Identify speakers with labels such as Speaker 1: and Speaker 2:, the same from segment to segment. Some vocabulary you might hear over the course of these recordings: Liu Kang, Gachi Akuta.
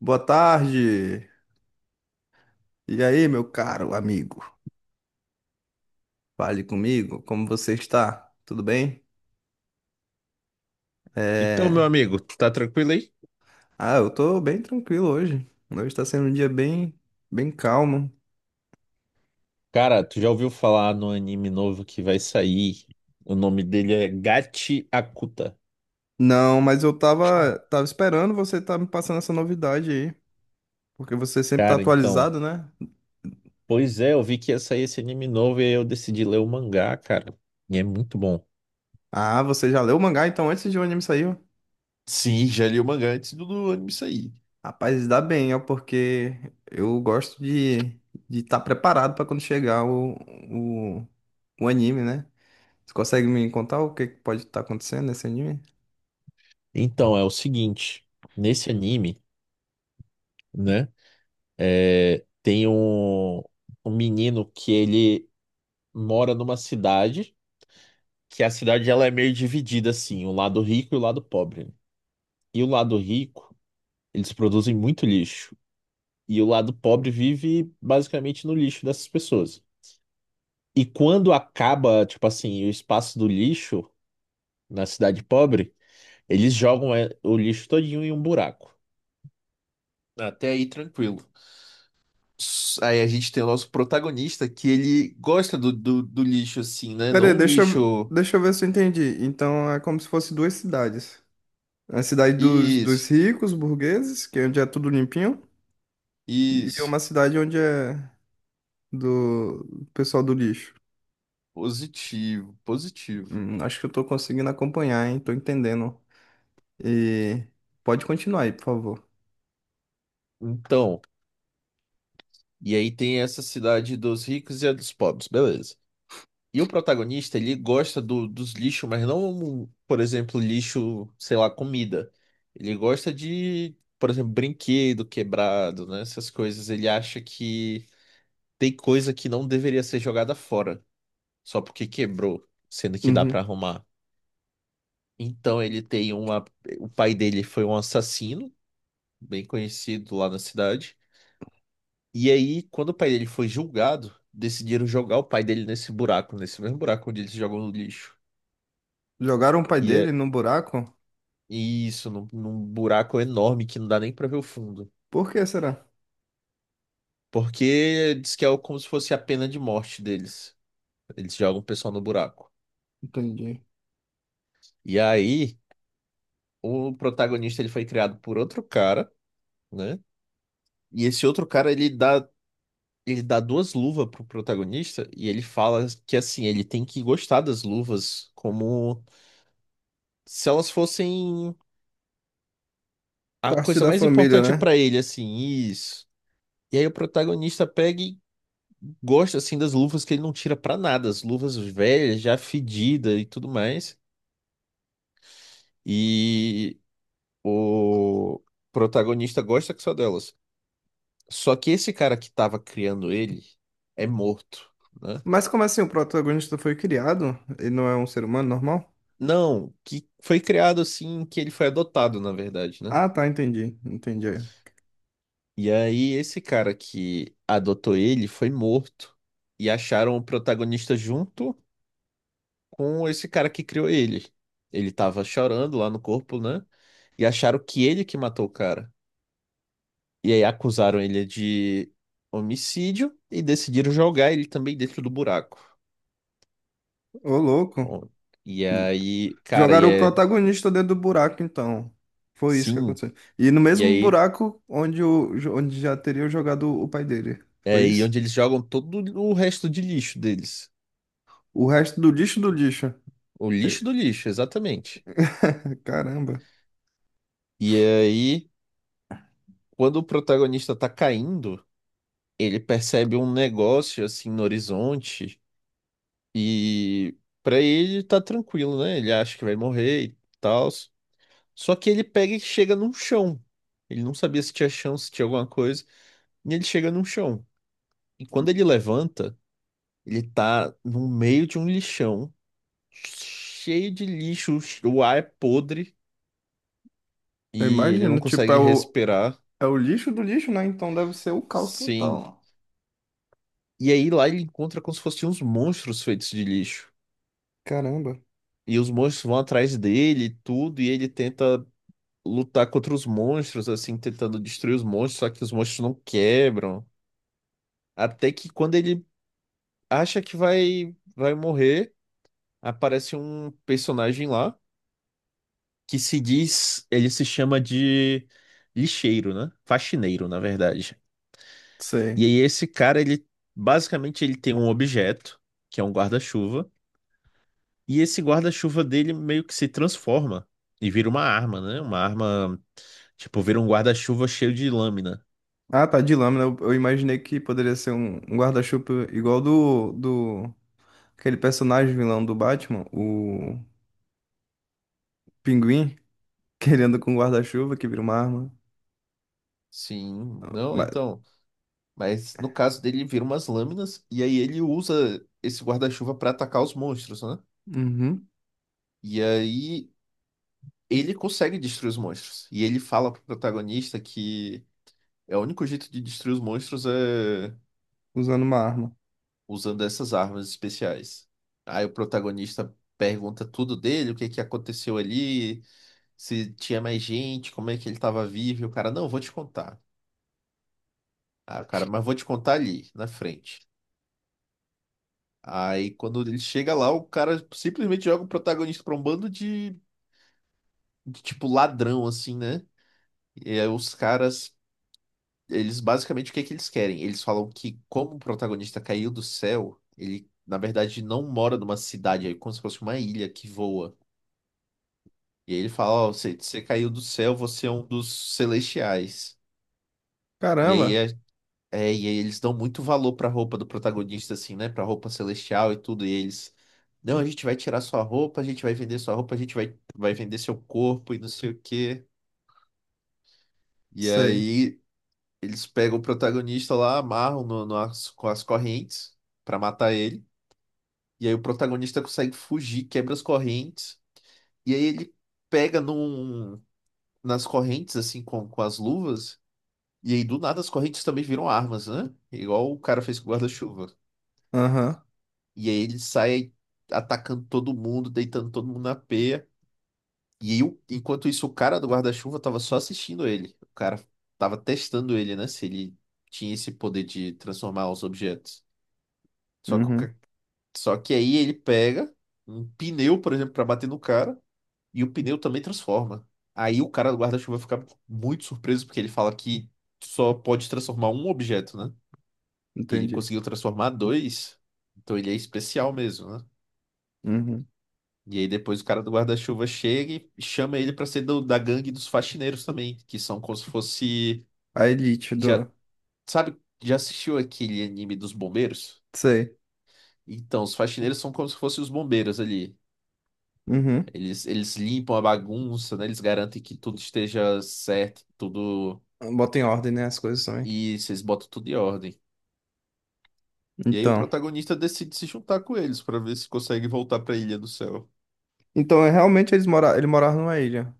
Speaker 1: Boa tarde. E aí, meu caro amigo? Fale comigo, como você está? Tudo bem?
Speaker 2: Então, meu
Speaker 1: É.
Speaker 2: amigo, tu tá tranquilo aí?
Speaker 1: Ah, eu tô bem tranquilo hoje. Hoje tá sendo um dia bem, bem calmo.
Speaker 2: Cara, tu já ouviu falar no anime novo que vai sair? O nome dele é Gachi Akuta.
Speaker 1: Não, mas eu tava, esperando você estar me passando essa novidade aí, porque você sempre tá
Speaker 2: Cara, então.
Speaker 1: atualizado, né?
Speaker 2: Pois é, eu vi que ia sair esse anime novo e aí eu decidi ler o mangá, cara. E é muito bom.
Speaker 1: Ah, você já leu o mangá então antes de o anime sair?
Speaker 2: Sim, já li o mangá antes do anime sair.
Speaker 1: Rapaz, dá bem, ó, porque eu gosto de estar preparado para quando chegar o, o anime, né? Você consegue me contar o que que pode estar acontecendo nesse anime?
Speaker 2: Então, é o seguinte: nesse anime, né, tem um menino que ele mora numa cidade, que a cidade ela é meio dividida assim, o lado rico e o lado pobre, né? E o lado rico, eles produzem muito lixo. E o lado pobre vive basicamente no lixo dessas pessoas. E quando acaba, tipo assim, o espaço do lixo na cidade pobre, eles jogam o lixo todinho em um buraco. Até aí, tranquilo. Aí a gente tem o nosso protagonista que ele gosta do lixo assim, né?
Speaker 1: Pera aí,
Speaker 2: Não um lixo.
Speaker 1: deixa eu ver se eu entendi. Então é como se fosse duas cidades. É. A cidade dos,
Speaker 2: Isso,
Speaker 1: dos ricos, burgueses, que é onde é tudo limpinho, e
Speaker 2: isso.
Speaker 1: uma cidade onde é do pessoal do lixo.
Speaker 2: Positivo, positivo.
Speaker 1: Acho que eu tô conseguindo acompanhar, hein? Tô entendendo. E pode continuar aí, por favor.
Speaker 2: Então, e aí tem essa cidade dos ricos e a dos pobres, beleza. E o protagonista, ele gosta do- dos lixos, mas não, por exemplo, lixo, sei lá, comida. Ele gosta de, por exemplo, brinquedo quebrado, né? Essas coisas. Ele acha que tem coisa que não deveria ser jogada fora, só porque quebrou, sendo que dá pra
Speaker 1: Uhum.
Speaker 2: arrumar. Então ele tem uma. O pai dele foi um assassino, bem conhecido lá na cidade. E aí, quando o pai dele foi julgado, decidiram jogar o pai dele nesse buraco, nesse mesmo buraco onde eles jogam no lixo.
Speaker 1: Jogaram o pai
Speaker 2: e
Speaker 1: dele
Speaker 2: é
Speaker 1: no buraco?
Speaker 2: Isso, num buraco enorme que não dá nem pra ver o fundo.
Speaker 1: Por que será?
Speaker 2: Porque diz que é como se fosse a pena de morte deles. Eles jogam o pessoal no buraco.
Speaker 1: Entendi.
Speaker 2: E aí, o protagonista ele foi criado por outro cara, né? E esse outro cara ele dá duas luvas pro protagonista e ele fala que assim, ele tem que gostar das luvas como se elas fossem a
Speaker 1: Parte
Speaker 2: coisa
Speaker 1: da
Speaker 2: mais
Speaker 1: família,
Speaker 2: importante
Speaker 1: né?
Speaker 2: pra ele, assim, isso. E aí o protagonista pega e gosto assim das luvas que ele não tira pra nada, as luvas velhas, já fedidas e tudo mais. E o protagonista gosta que só delas. Só que esse cara que tava criando ele é morto, né?
Speaker 1: Mas como assim o protagonista foi criado? Ele não é um ser humano normal?
Speaker 2: Não, que foi criado assim, que ele foi adotado, na verdade, né?
Speaker 1: Ah, tá, entendi. Entendi.
Speaker 2: E aí esse cara que adotou ele foi morto e acharam o protagonista junto com esse cara que criou ele. Ele tava chorando lá no corpo, né, e acharam que ele que matou o cara. E aí acusaram ele de homicídio e decidiram jogar ele também dentro do buraco.
Speaker 1: Ô, louco.
Speaker 2: Bom, E aí, cara, e
Speaker 1: Jogaram o
Speaker 2: é
Speaker 1: protagonista dentro do buraco, então. Foi isso que
Speaker 2: sim,
Speaker 1: aconteceu. E no
Speaker 2: e
Speaker 1: mesmo
Speaker 2: aí
Speaker 1: buraco onde, o, onde já teria jogado o pai dele.
Speaker 2: é
Speaker 1: Foi
Speaker 2: aí
Speaker 1: isso?
Speaker 2: onde eles jogam todo o resto de lixo deles.
Speaker 1: O resto do lixo do lixo.
Speaker 2: O
Speaker 1: É.
Speaker 2: lixo do lixo, exatamente.
Speaker 1: Caramba.
Speaker 2: E aí, quando o protagonista tá caindo, ele percebe um negócio assim no horizonte e pra ele tá tranquilo, né? Ele acha que vai morrer e tal. Só que ele pega e chega num chão. Ele não sabia se tinha chão, se tinha alguma coisa, e ele chega num chão. E quando ele levanta, ele tá no meio de um lixão, cheio de lixo, o ar é podre
Speaker 1: Eu
Speaker 2: e ele não
Speaker 1: imagino. Tipo, é
Speaker 2: consegue
Speaker 1: o,
Speaker 2: respirar.
Speaker 1: é o lixo do lixo, né? Então deve ser o caos
Speaker 2: Sim.
Speaker 1: total.
Speaker 2: E aí lá ele encontra como se fossem uns monstros feitos de lixo.
Speaker 1: Caramba.
Speaker 2: E os monstros vão atrás dele, e tudo, e ele tenta lutar contra os monstros, assim, tentando destruir os monstros, só que os monstros não quebram. Até que quando ele acha que vai morrer, aparece um personagem lá que se diz, ele se chama de lixeiro, né? Faxineiro, na verdade.
Speaker 1: Sei.
Speaker 2: E aí esse cara, ele basicamente ele tem um objeto, que é um guarda-chuva, e esse guarda-chuva dele meio que se transforma e vira uma arma, né? Uma arma, tipo, vira um guarda-chuva cheio de lâmina.
Speaker 1: Ah, tá, de lâmina. Eu imaginei que poderia ser um, um guarda-chuva igual do, do... Aquele personagem vilão do Batman, o Pinguim, que ele anda com um guarda-chuva que vira uma arma.
Speaker 2: Sim, não,
Speaker 1: Mas-
Speaker 2: então, mas no caso dele, ele vira umas lâminas e aí ele usa esse guarda-chuva pra atacar os monstros, né?
Speaker 1: Uhum,
Speaker 2: E aí ele consegue destruir os monstros. E ele fala pro protagonista que é o único jeito de destruir os monstros é
Speaker 1: usando uma arma.
Speaker 2: usando essas armas especiais. Aí o protagonista pergunta tudo dele, o que que aconteceu ali, se tinha mais gente, como é que ele estava vivo. E o cara, não, vou te contar. Ah, cara, mas vou te contar ali, na frente. Aí quando ele chega lá, o cara simplesmente joga o protagonista pra um bando de tipo ladrão, assim, né? E aí os caras eles basicamente o que é que eles querem? Eles falam que como o protagonista caiu do céu, ele na verdade não mora numa cidade, é como se fosse uma ilha que voa. E aí ele fala, ó, você caiu do céu, você é um dos celestiais. E aí
Speaker 1: Caramba,
Speaker 2: e aí eles dão muito valor pra roupa do protagonista assim, né, pra roupa celestial e tudo, e eles não, a gente vai tirar sua roupa, a gente vai vender sua roupa, a gente vai vender seu corpo e não sei o quê. E
Speaker 1: sei.
Speaker 2: aí eles pegam o protagonista lá, amarram com as correntes pra matar ele. E aí o protagonista consegue fugir, quebra as correntes. E aí ele pega nas correntes, assim, com as luvas. E aí do nada as correntes também viram armas, né? Igual o cara fez com o guarda-chuva.
Speaker 1: Aham,
Speaker 2: E aí ele sai atacando todo mundo, deitando todo mundo na peia. E aí, enquanto isso, o cara do guarda-chuva tava só assistindo ele. O cara tava testando ele, né? Se ele tinha esse poder de transformar os objetos. Só que, o
Speaker 1: uhum,
Speaker 2: ca- Só que aí ele pega um pneu, por exemplo, pra bater no cara, e o pneu também transforma. Aí o cara do guarda-chuva fica muito surpreso, porque ele fala que só pode transformar um objeto, né? E ele
Speaker 1: entendi.
Speaker 2: conseguiu transformar dois, então ele é especial mesmo, né?
Speaker 1: Uhum.
Speaker 2: E aí depois o cara do guarda-chuva chega e chama ele pra ser da gangue dos faxineiros também, que são como se fosse...
Speaker 1: A elite
Speaker 2: Já,
Speaker 1: do...
Speaker 2: sabe, já assistiu aquele anime dos bombeiros?
Speaker 1: Sei.
Speaker 2: Então, os faxineiros são como se fossem os bombeiros ali.
Speaker 1: Uhum.
Speaker 2: Eles limpam a bagunça, né? Eles garantem que tudo esteja certo, tudo.
Speaker 1: Bota em ordem, né, as coisas também.
Speaker 2: Isso, eles botam tudo em ordem. E aí o
Speaker 1: Então...
Speaker 2: protagonista decide se juntar com eles para ver se consegue voltar para a Ilha do Céu.
Speaker 1: Então, é, realmente, eles mora... ele morava numa ilha.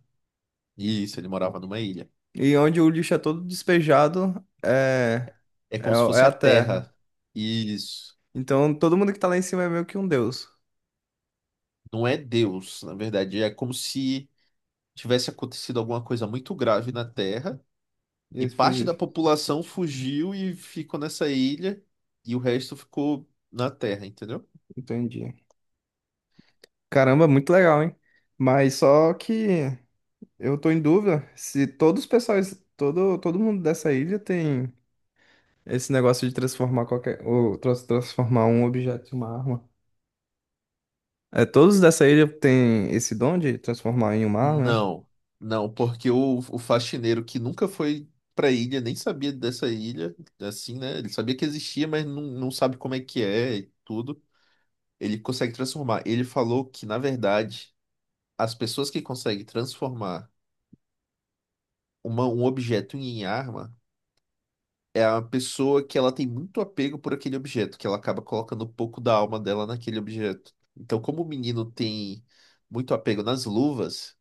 Speaker 2: Isso, ele morava numa ilha.
Speaker 1: E onde o lixo é todo despejado, é...
Speaker 2: É
Speaker 1: É,
Speaker 2: como se
Speaker 1: é
Speaker 2: fosse a
Speaker 1: a
Speaker 2: Terra.
Speaker 1: terra.
Speaker 2: Isso.
Speaker 1: Então todo mundo que tá lá em cima é meio que um deus.
Speaker 2: Não é Deus, na verdade. É como se tivesse acontecido alguma coisa muito grave na Terra
Speaker 1: E
Speaker 2: e
Speaker 1: eles
Speaker 2: parte da
Speaker 1: fugiram.
Speaker 2: população fugiu e ficou nessa ilha e o resto ficou na Terra, entendeu?
Speaker 1: Entendi. Caramba, muito legal, hein? Mas só que eu tô em dúvida se todos os pessoais, todo, todo mundo dessa ilha tem esse negócio de transformar qualquer, ou transformar um objeto em uma arma. É, todos dessa ilha têm esse dom de transformar em uma arma, né?
Speaker 2: Não, não, porque o faxineiro que nunca foi pra ilha, nem sabia dessa ilha, assim, né? Ele sabia que existia, mas não sabe como é que é e tudo. Ele consegue transformar. Ele falou que, na verdade, as pessoas que conseguem transformar um objeto em arma é a pessoa que ela tem muito apego por aquele objeto, que ela acaba colocando um pouco da alma dela naquele objeto. Então, como o menino tem muito apego nas luvas,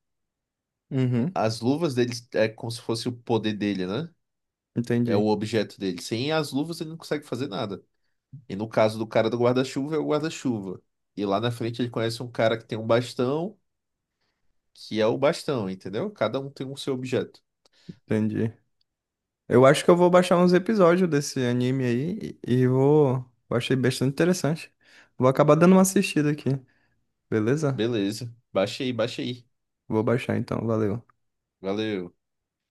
Speaker 1: Uhum.
Speaker 2: as luvas dele é como se fosse o poder dele, né? É
Speaker 1: Entendi,
Speaker 2: o objeto dele. Sem as luvas ele não consegue fazer nada. E no caso do cara do guarda-chuva, é o guarda-chuva. E lá na frente ele conhece um cara que tem um bastão, que é o bastão, entendeu? Cada um tem o seu objeto.
Speaker 1: entendi. Eu acho que eu vou baixar uns episódios desse anime aí e vou. Eu achei bastante interessante. Vou acabar dando uma assistida aqui. Beleza?
Speaker 2: Beleza. Baixa aí, baixa aí.
Speaker 1: Vou baixar então, valeu.
Speaker 2: Valeu.